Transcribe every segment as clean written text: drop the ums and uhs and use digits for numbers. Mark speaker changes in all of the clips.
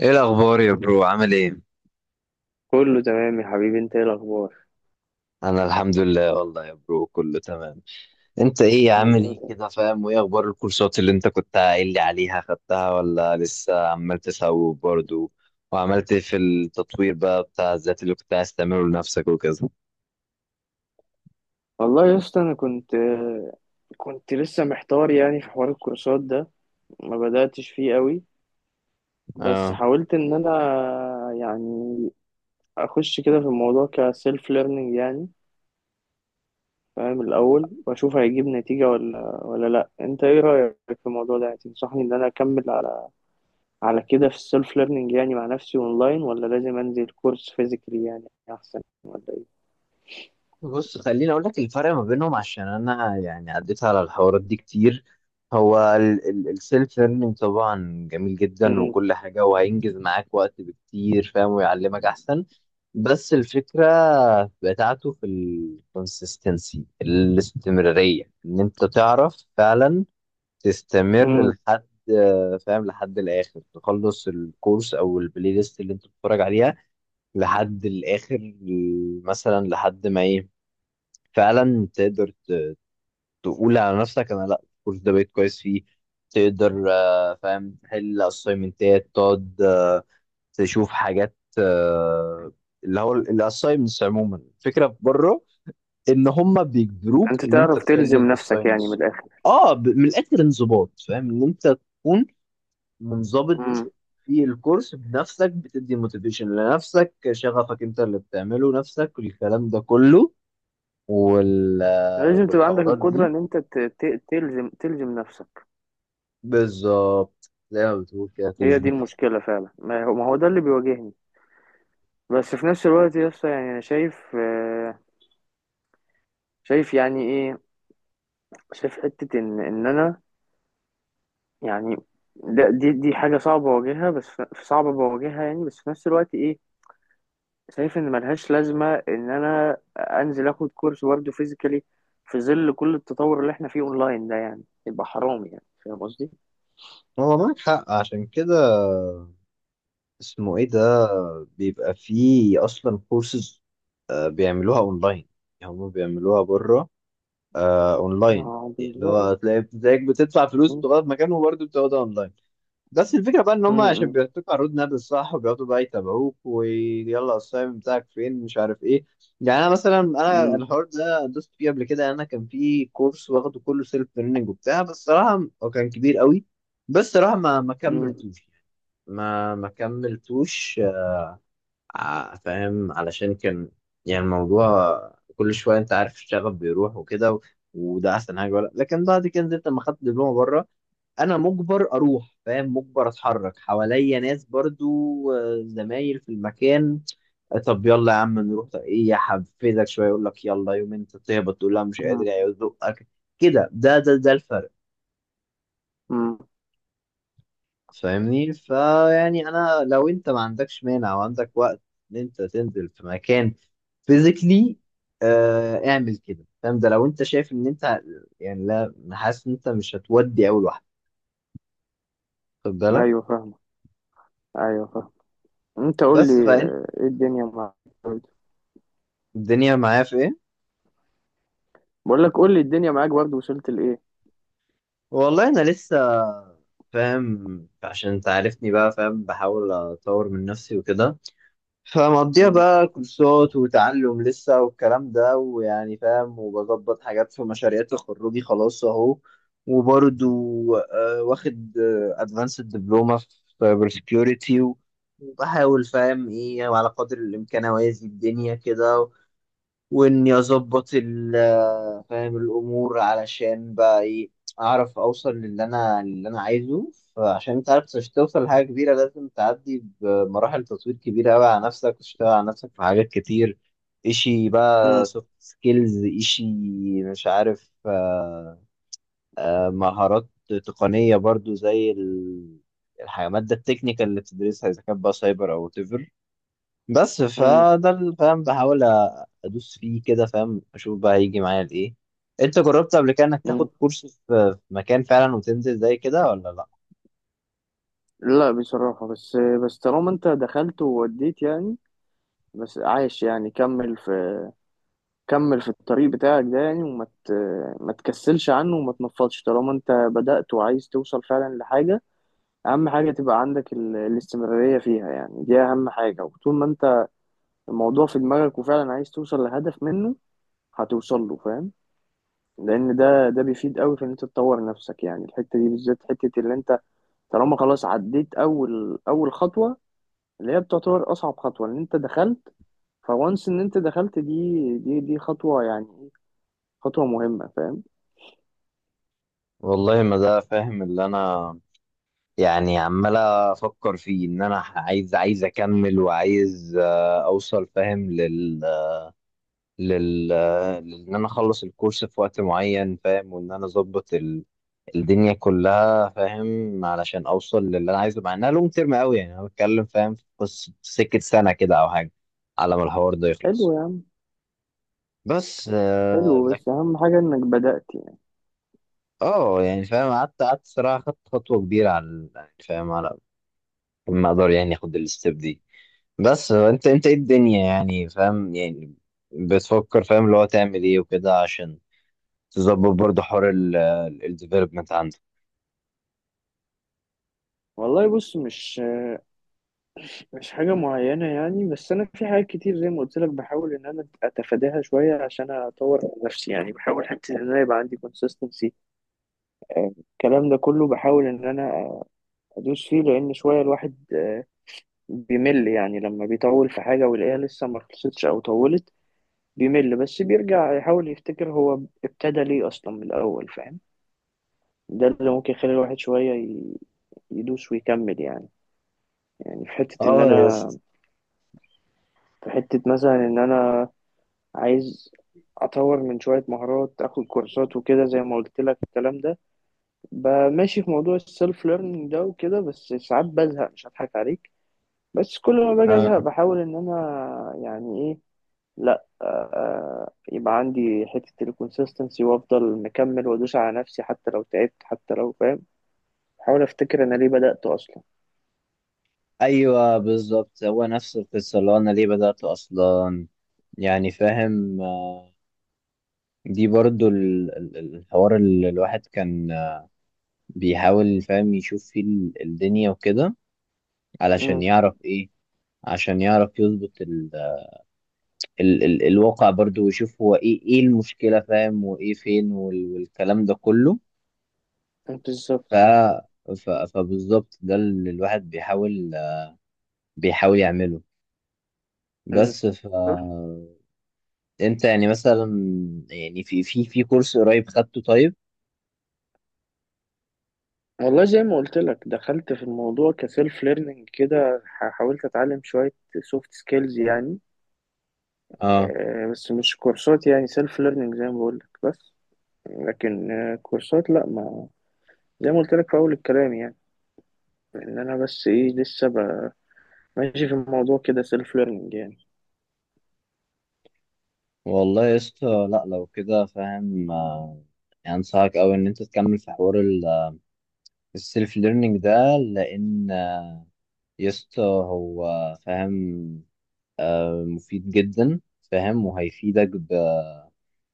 Speaker 1: ايه الاخبار يا برو؟ عامل ايه؟
Speaker 2: كله تمام يا حبيبي، انت ايه الاخبار؟
Speaker 1: انا الحمد لله، والله يا برو، كله تمام. انت
Speaker 2: الحمد
Speaker 1: ايه عامل
Speaker 2: لله
Speaker 1: ايه كده
Speaker 2: تمام.
Speaker 1: فاهم؟ وايه اخبار الكورسات اللي انت كنت قايل لي عليها؟ خدتها ولا لسه عمال تسوق برضو؟ وعملت إيه في التطوير بقى بتاع الذات اللي كنت عايز تعمله لنفسك وكذا؟
Speaker 2: والله يا اسطى انا كنت لسه محتار يعني في حوار الكورسات ده، ما بداتش فيه قوي، بس
Speaker 1: اه،
Speaker 2: حاولت ان انا يعني اخش كده في الموضوع كسيلف ليرنينج، يعني فاهم الاول واشوف هيجيب نتيجه ولا ولا لا. انت ايه رايك في الموضوع ده؟ يعني تنصحني ان انا اكمل على كده في السيلف ليرنينج يعني مع نفسي اونلاين، ولا لازم انزل كورس فيزيكالي يعني احسن؟ ولا
Speaker 1: بص خليني اقول لك الفرق ما بينهم، عشان انا يعني عديت على الحوارات دي كتير. هو السيلف ليرنينج طبعا جميل جدا وكل حاجه، وهينجز معاك وقت بكتير فاهم، ويعلمك احسن. بس الفكره بتاعته في الكونسيستنسي، الاستمراريه، ان انت تعرف فعلا تستمر
Speaker 2: ايه؟
Speaker 1: لحد فاهم، لحد الاخر، تخلص الكورس او البلاي ليست اللي انت بتتفرج عليها لحد الاخر، مثلا لحد ما ايه، فعلا تقدر تقول على نفسك انا، لا الكورس ده بقيت كويس فيه. تقدر فاهم تحل اسايمنتات، تقعد تشوف حاجات، اللي هو الاسايمنتس عموما، الفكره في بره ان هم بيجبروك
Speaker 2: انت
Speaker 1: ان انت
Speaker 2: تعرف
Speaker 1: تحل
Speaker 2: تلزم نفسك يعني من
Speaker 1: الاسايمنتس.
Speaker 2: الاخر.
Speaker 1: اه، من الاخر انضباط فاهم، ان انت تكون منضبط
Speaker 2: امم
Speaker 1: في الكورس بنفسك، بتدي موتيفيشن لنفسك، شغفك انت اللي بتعمله نفسك، الكلام ده كله. وال
Speaker 2: لازم تبقى عندك
Speaker 1: والحوارات
Speaker 2: القدرة
Speaker 1: دي
Speaker 2: ان انت تلزم نفسك.
Speaker 1: بالظبط زي ما بتقول كده،
Speaker 2: هي دي
Speaker 1: تلزم نفسك.
Speaker 2: المشكلة فعلا، ما هو ما هو ده اللي بيواجهني. بس في نفس الوقت يا اسطى يعني انا شايف، شايف يعني ايه، شايف حتة ان انا يعني ده دي حاجة صعبة بواجهها، بس صعبة بواجهها يعني، بس في نفس الوقت ايه، شايف ان ملهاش لازمة ان انا انزل اخد كورس برضه فيزيكالي في ظل كل التطور اللي احنا فيه اونلاين ده، يعني يبقى حرام، يعني فاهم قصدي؟
Speaker 1: هو معاك حق، عشان كده اسمه ايه ده، بيبقى فيه اصلا كورسز بيعملوها اونلاين، يعني هم بيعملوها بره اونلاين،
Speaker 2: اه
Speaker 1: اللي هو
Speaker 2: بالظبط.
Speaker 1: تلاقي زيك بتدفع فلوس
Speaker 2: م-
Speaker 1: بتقعد في مكان وبرضه بتقعدها اونلاين. بس الفكرة بقى إن
Speaker 2: م-
Speaker 1: هم عشان
Speaker 2: م-
Speaker 1: بيعطوك الرود ماب الصح، وبيقعدوا بقى يتابعوك ويلا السايم بتاعك فين، مش عارف إيه. يعني أنا مثلا، أنا
Speaker 2: م-
Speaker 1: الحوار ده دوست فيه قبل كده، أنا كان في كورس واخده كله سيلف ليرنينج وبتاع، بس صراحة هو كان كبير قوي. بس صراحة ما
Speaker 2: م-
Speaker 1: كملتوش يعني. ما كملتوش، فاهم علشان كان يعني الموضوع، كل شوية أنت عارف الشغف بيروح وكده، وده أحسن حاجة ولا. لكن بعد كده نزلت لما خدت دبلومة بره، انا مجبر اروح فاهم، مجبر اتحرك حواليا ناس برضو، زمايل في المكان، طب يلا يا عم نروح، طب ايه، يحفزك شويه، يقول لك يلا، يوم انت تهبط تقول لا مش
Speaker 2: م-
Speaker 1: قادر يزقك كده. ده الفرق،
Speaker 2: م.
Speaker 1: فاهمني؟ فيعني انا لو انت ما عندكش مانع وعندك وقت ان انت تنزل في مكان فيزيكلي، آه اعمل كده فاهم. ده لو انت شايف ان انت يعني لا، حاسس ان انت مش هتودي اول واحده، خد بالك.
Speaker 2: ايوه فاهمة، ايوه فاهم. انت قول لي،
Speaker 1: بس فانت
Speaker 2: ايه الدنيا معاك برضه؟
Speaker 1: الدنيا معايا في ايه؟
Speaker 2: بقول لك قول لي الدنيا معاك برضه وصلت لايه.
Speaker 1: والله انا لسه فاهم، عشان انت عارفني بقى فاهم، بحاول اطور من نفسي وكده، فمقضيها
Speaker 2: م-
Speaker 1: بقى كورسات وتعلم لسه والكلام ده ويعني فاهم، وبظبط حاجات في مشاريع تخرجي خلاص اهو. وبرضو واخد ادفانسد دبلومه في سايبر سكيورتي، وبحاول فاهم ايه على قدر الامكان اوازي الدنيا كده، واني اظبط فاهم الامور علشان بقى ايه، اعرف اوصل للي انا، اللي انا عايزه. فعشان انت عارف، عشان توصل لحاجه كبيره لازم تعدي بمراحل تطوير كبيره قوي على نفسك، وتشتغل على نفسك في حاجات كتير، اشي بقى
Speaker 2: م-
Speaker 1: سوفت سكيلز، اشي مش عارف مهارات تقنيه برضو، زي الماده التكنيكال اللي بتدرسها، اذا كانت بقى سايبر او whatever. بس
Speaker 2: م-
Speaker 1: فده فاهم بحاول ادوس فيه كده فاهم، اشوف بقى هيجي معايا لايه. انت جربت قبل كده انك تاخد
Speaker 2: م.
Speaker 1: كورس في، في مكان فعلا وتنزل زي كده ولا لا؟
Speaker 2: لا بصراحة. بس بس طالما انت دخلت ووديت يعني، بس عايش يعني، كمل في الطريق بتاعك ده يعني، ما تكسلش عنه وما تنفضش طالما انت بدأت وعايز توصل فعلا لحاجة. اهم حاجه تبقى عندك الاستمراريه فيها، يعني دي اهم حاجه. وطول ما انت الموضوع في دماغك وفعلا عايز توصل لهدف منه، هتوصل له، فاهم؟ لان ده بيفيد قوي في ان انت تطور نفسك، يعني الحته دي بالذات، حته اللي انت طالما خلاص عديت اول خطوه، اللي هي بتعتبر اصعب خطوه، ان انت دخلت. فوانس ان انت دخلت، دي دي خطوه يعني، خطوه مهمه، فاهم؟
Speaker 1: والله ما ده فاهم اللي انا يعني عمال افكر فيه، ان انا عايز، عايز اكمل، وعايز اوصل فاهم لل لل ان انا اخلص الكورس في وقت معين فاهم، وان انا اظبط الدنيا كلها فاهم، علشان اوصل للي انا عايزه، مع انها لونج تيرم قوي يعني، انا بتكلم فاهم في قصه سكه سنه كده او حاجه، على ما الحوار ده يخلص.
Speaker 2: حلو يا عم،
Speaker 1: بس
Speaker 2: حلو، بس
Speaker 1: لكن
Speaker 2: اهم حاجه انك بدأت يعني.
Speaker 1: اه يعني فاهم، قعدت صراحه خدت خطوه كبيره على يعني فاهم، على ما اقدر يعني اخد الستيب دي. بس انت ايه الدنيا يعني فاهم يعني، بتفكر فاهم اللي هو تعمل ايه وكده، عشان تظبط برضه حوار الديفلوبمنت عندك.
Speaker 2: والله بص، مش مش حاجة معينة يعني، بس أنا في حاجات كتير زي ما قلت لك بحاول إن أنا أتفاداها شوية عشان أطور من نفسي، يعني بحاول حتى إن أنا يبقى عندي consistency، الكلام ده كله بحاول إن أنا أدوس فيه، لأن شوية الواحد بيمل، يعني لما بيطول في حاجة ويلاقيها لسه ما خلصتش أو طولت بيمل، بس بيرجع يحاول يفتكر هو ابتدى ليه أصلا من الأول، فاهم؟ ده اللي ممكن يخلي الواحد شوية يدوس ويكمل يعني. يعني في حتة إن
Speaker 1: اه يا
Speaker 2: أنا،
Speaker 1: اسطى.
Speaker 2: في حتة مثلا إن أنا عايز اطور من شويه مهارات، اخد كورسات وكده زي ما قلت لك الكلام ده. ب- ماشي في موضوع السيلف ليرنينج ده وكده، بس ساعات بزهق، مش هضحك عليك. بس كل ما باجي ازهق
Speaker 1: اه،
Speaker 2: بحاول ان انا يعني ايه، لا آه، يبقى عندي حته الكونسيستنسي، وافضل مكمل وادوس على نفسي حتى لو تعبت، حتى لو فاهم. بحاول افتكر انا ليه بدأت اصلا.
Speaker 1: ايوه بالظبط، هو نفس القصه، اللي هو انا ليه بدات اصلا، يعني فاهم دي برضو الحوار اللي الواحد كان بيحاول فاهم يشوف فيه الدنيا وكده، علشان
Speaker 2: امم
Speaker 1: يعرف ايه، عشان يعرف يظبط ال ال ال الواقع برضو، ويشوف هو ايه، ايه المشكله فاهم، وايه فين والكلام ده كله.
Speaker 2: بالظبط.
Speaker 1: ف فبالظبط ده اللي الواحد بيحاول، يعمله.
Speaker 2: امم
Speaker 1: بس ف انت يعني مثلا، يعني في كورس قريب خدته طيب؟
Speaker 2: والله زي ما قلت لك، دخلت في الموضوع كسيلف ليرنينج كده، حاولت اتعلم شويه سوفت سكيلز يعني،
Speaker 1: اه،
Speaker 2: بس مش كورسات يعني، سيلف ليرنينج زي ما بقول لك. بس لكن كورسات لا، ما زي ما قلت لك في اول الكلام، يعني ان انا بس ايه لسه ماشي في الموضوع كده سيلف ليرنينج يعني.
Speaker 1: والله يا اسطى، لا لو كده فاهم يعني انصحك اوي ان انت تكمل في حوار السيلف ليرنينج ده. لان يا اسطى هو فاهم مفيد جدا فاهم، وهيفيدك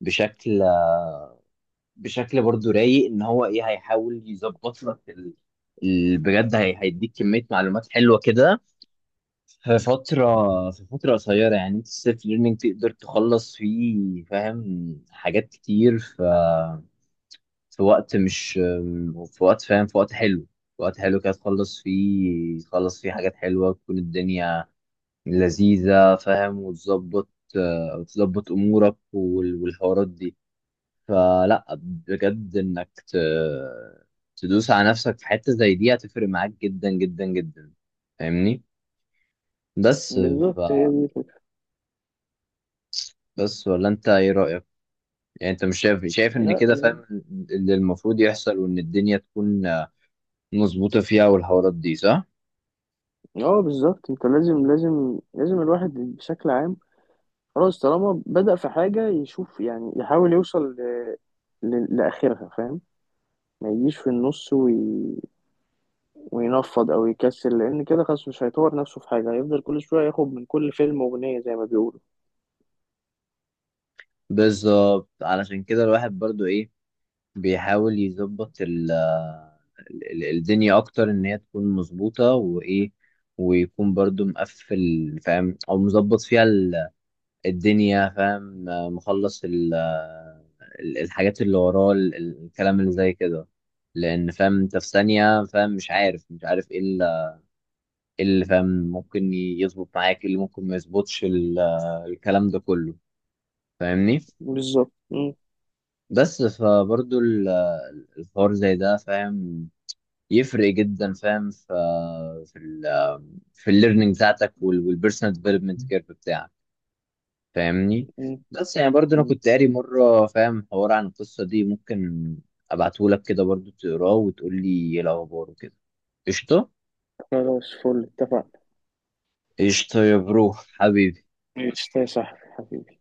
Speaker 1: بشكل بشكل برضو رايق، ان هو ايه، هيحاول يظبط لك بجد هيديك كمية معلومات حلوة كده في فترة، قصيرة، يعني انت السيلف ليرنينج تقدر تخلص فيه فاهم حاجات كتير في وقت مش في وقت فاهم في وقت حلو كده، تخلص فيه، حاجات حلوة، تكون الدنيا لذيذة فاهم، وتظبط أمورك والحوارات دي. فلا بجد، إنك تدوس على نفسك في حتة زي دي هتفرق معاك جدا جدا جدا، فاهمني؟ بس
Speaker 2: بالظبط، هي دي الفكرة.
Speaker 1: بس ولا، انت ايه رأيك؟ يعني انت مش شايف، ان
Speaker 2: لا
Speaker 1: كده
Speaker 2: يعني-
Speaker 1: فاهم اللي المفروض يحصل، وان الدنيا تكون مظبوطة فيها والحوارات دي صح؟
Speaker 2: اه بالظبط، انت لازم لازم لازم، الواحد بشكل عام، خلاص طالما بدأ في حاجة يشوف يعني يحاول يوصل لآخرها، فاهم؟ ما يجيش في النص وي... وينفض او يكسل، لان كده خلاص مش هيطور نفسه في حاجه، هيفضل كل شويه ياخد من كل فيلم اغنيه زي ما بيقولوا.
Speaker 1: بالظبط، علشان كده الواحد برضو ايه، بيحاول يظبط الدنيا اكتر، ان هي تكون مظبوطة وايه، ويكون برضو مقفل فاهم، او مظبط فيها الدنيا فاهم مخلص الحاجات اللي وراه، الكلام اللي زي كده. لان فاهم انت في ثانيه فاهم مش عارف ايه إيه اللي فاهم ممكن يظبط معاك، إيه اللي ممكن ما يظبطش الكلام ده كله، فاهمني.
Speaker 2: بالظبط.
Speaker 1: بس فبرضو الحوار زي ده فاهم يفرق جدا فاهم في، في ال في الليرنينج بتاعتك، والبيرسونال ديفلوبمنت كيرف بتاعك، فاهمني.
Speaker 2: م-
Speaker 1: بس يعني برضه انا
Speaker 2: م.
Speaker 1: كنت قاري مره فاهم حوار عن القصه دي، ممكن ابعتهولك كده برضه تقراه وتقول لي ايه الاخبار وكده. قشطه.
Speaker 2: خلاص فل، اتفقنا.
Speaker 1: قشطه يا برو حبيبي.
Speaker 2: ماشي يا صاحبي حبيبي.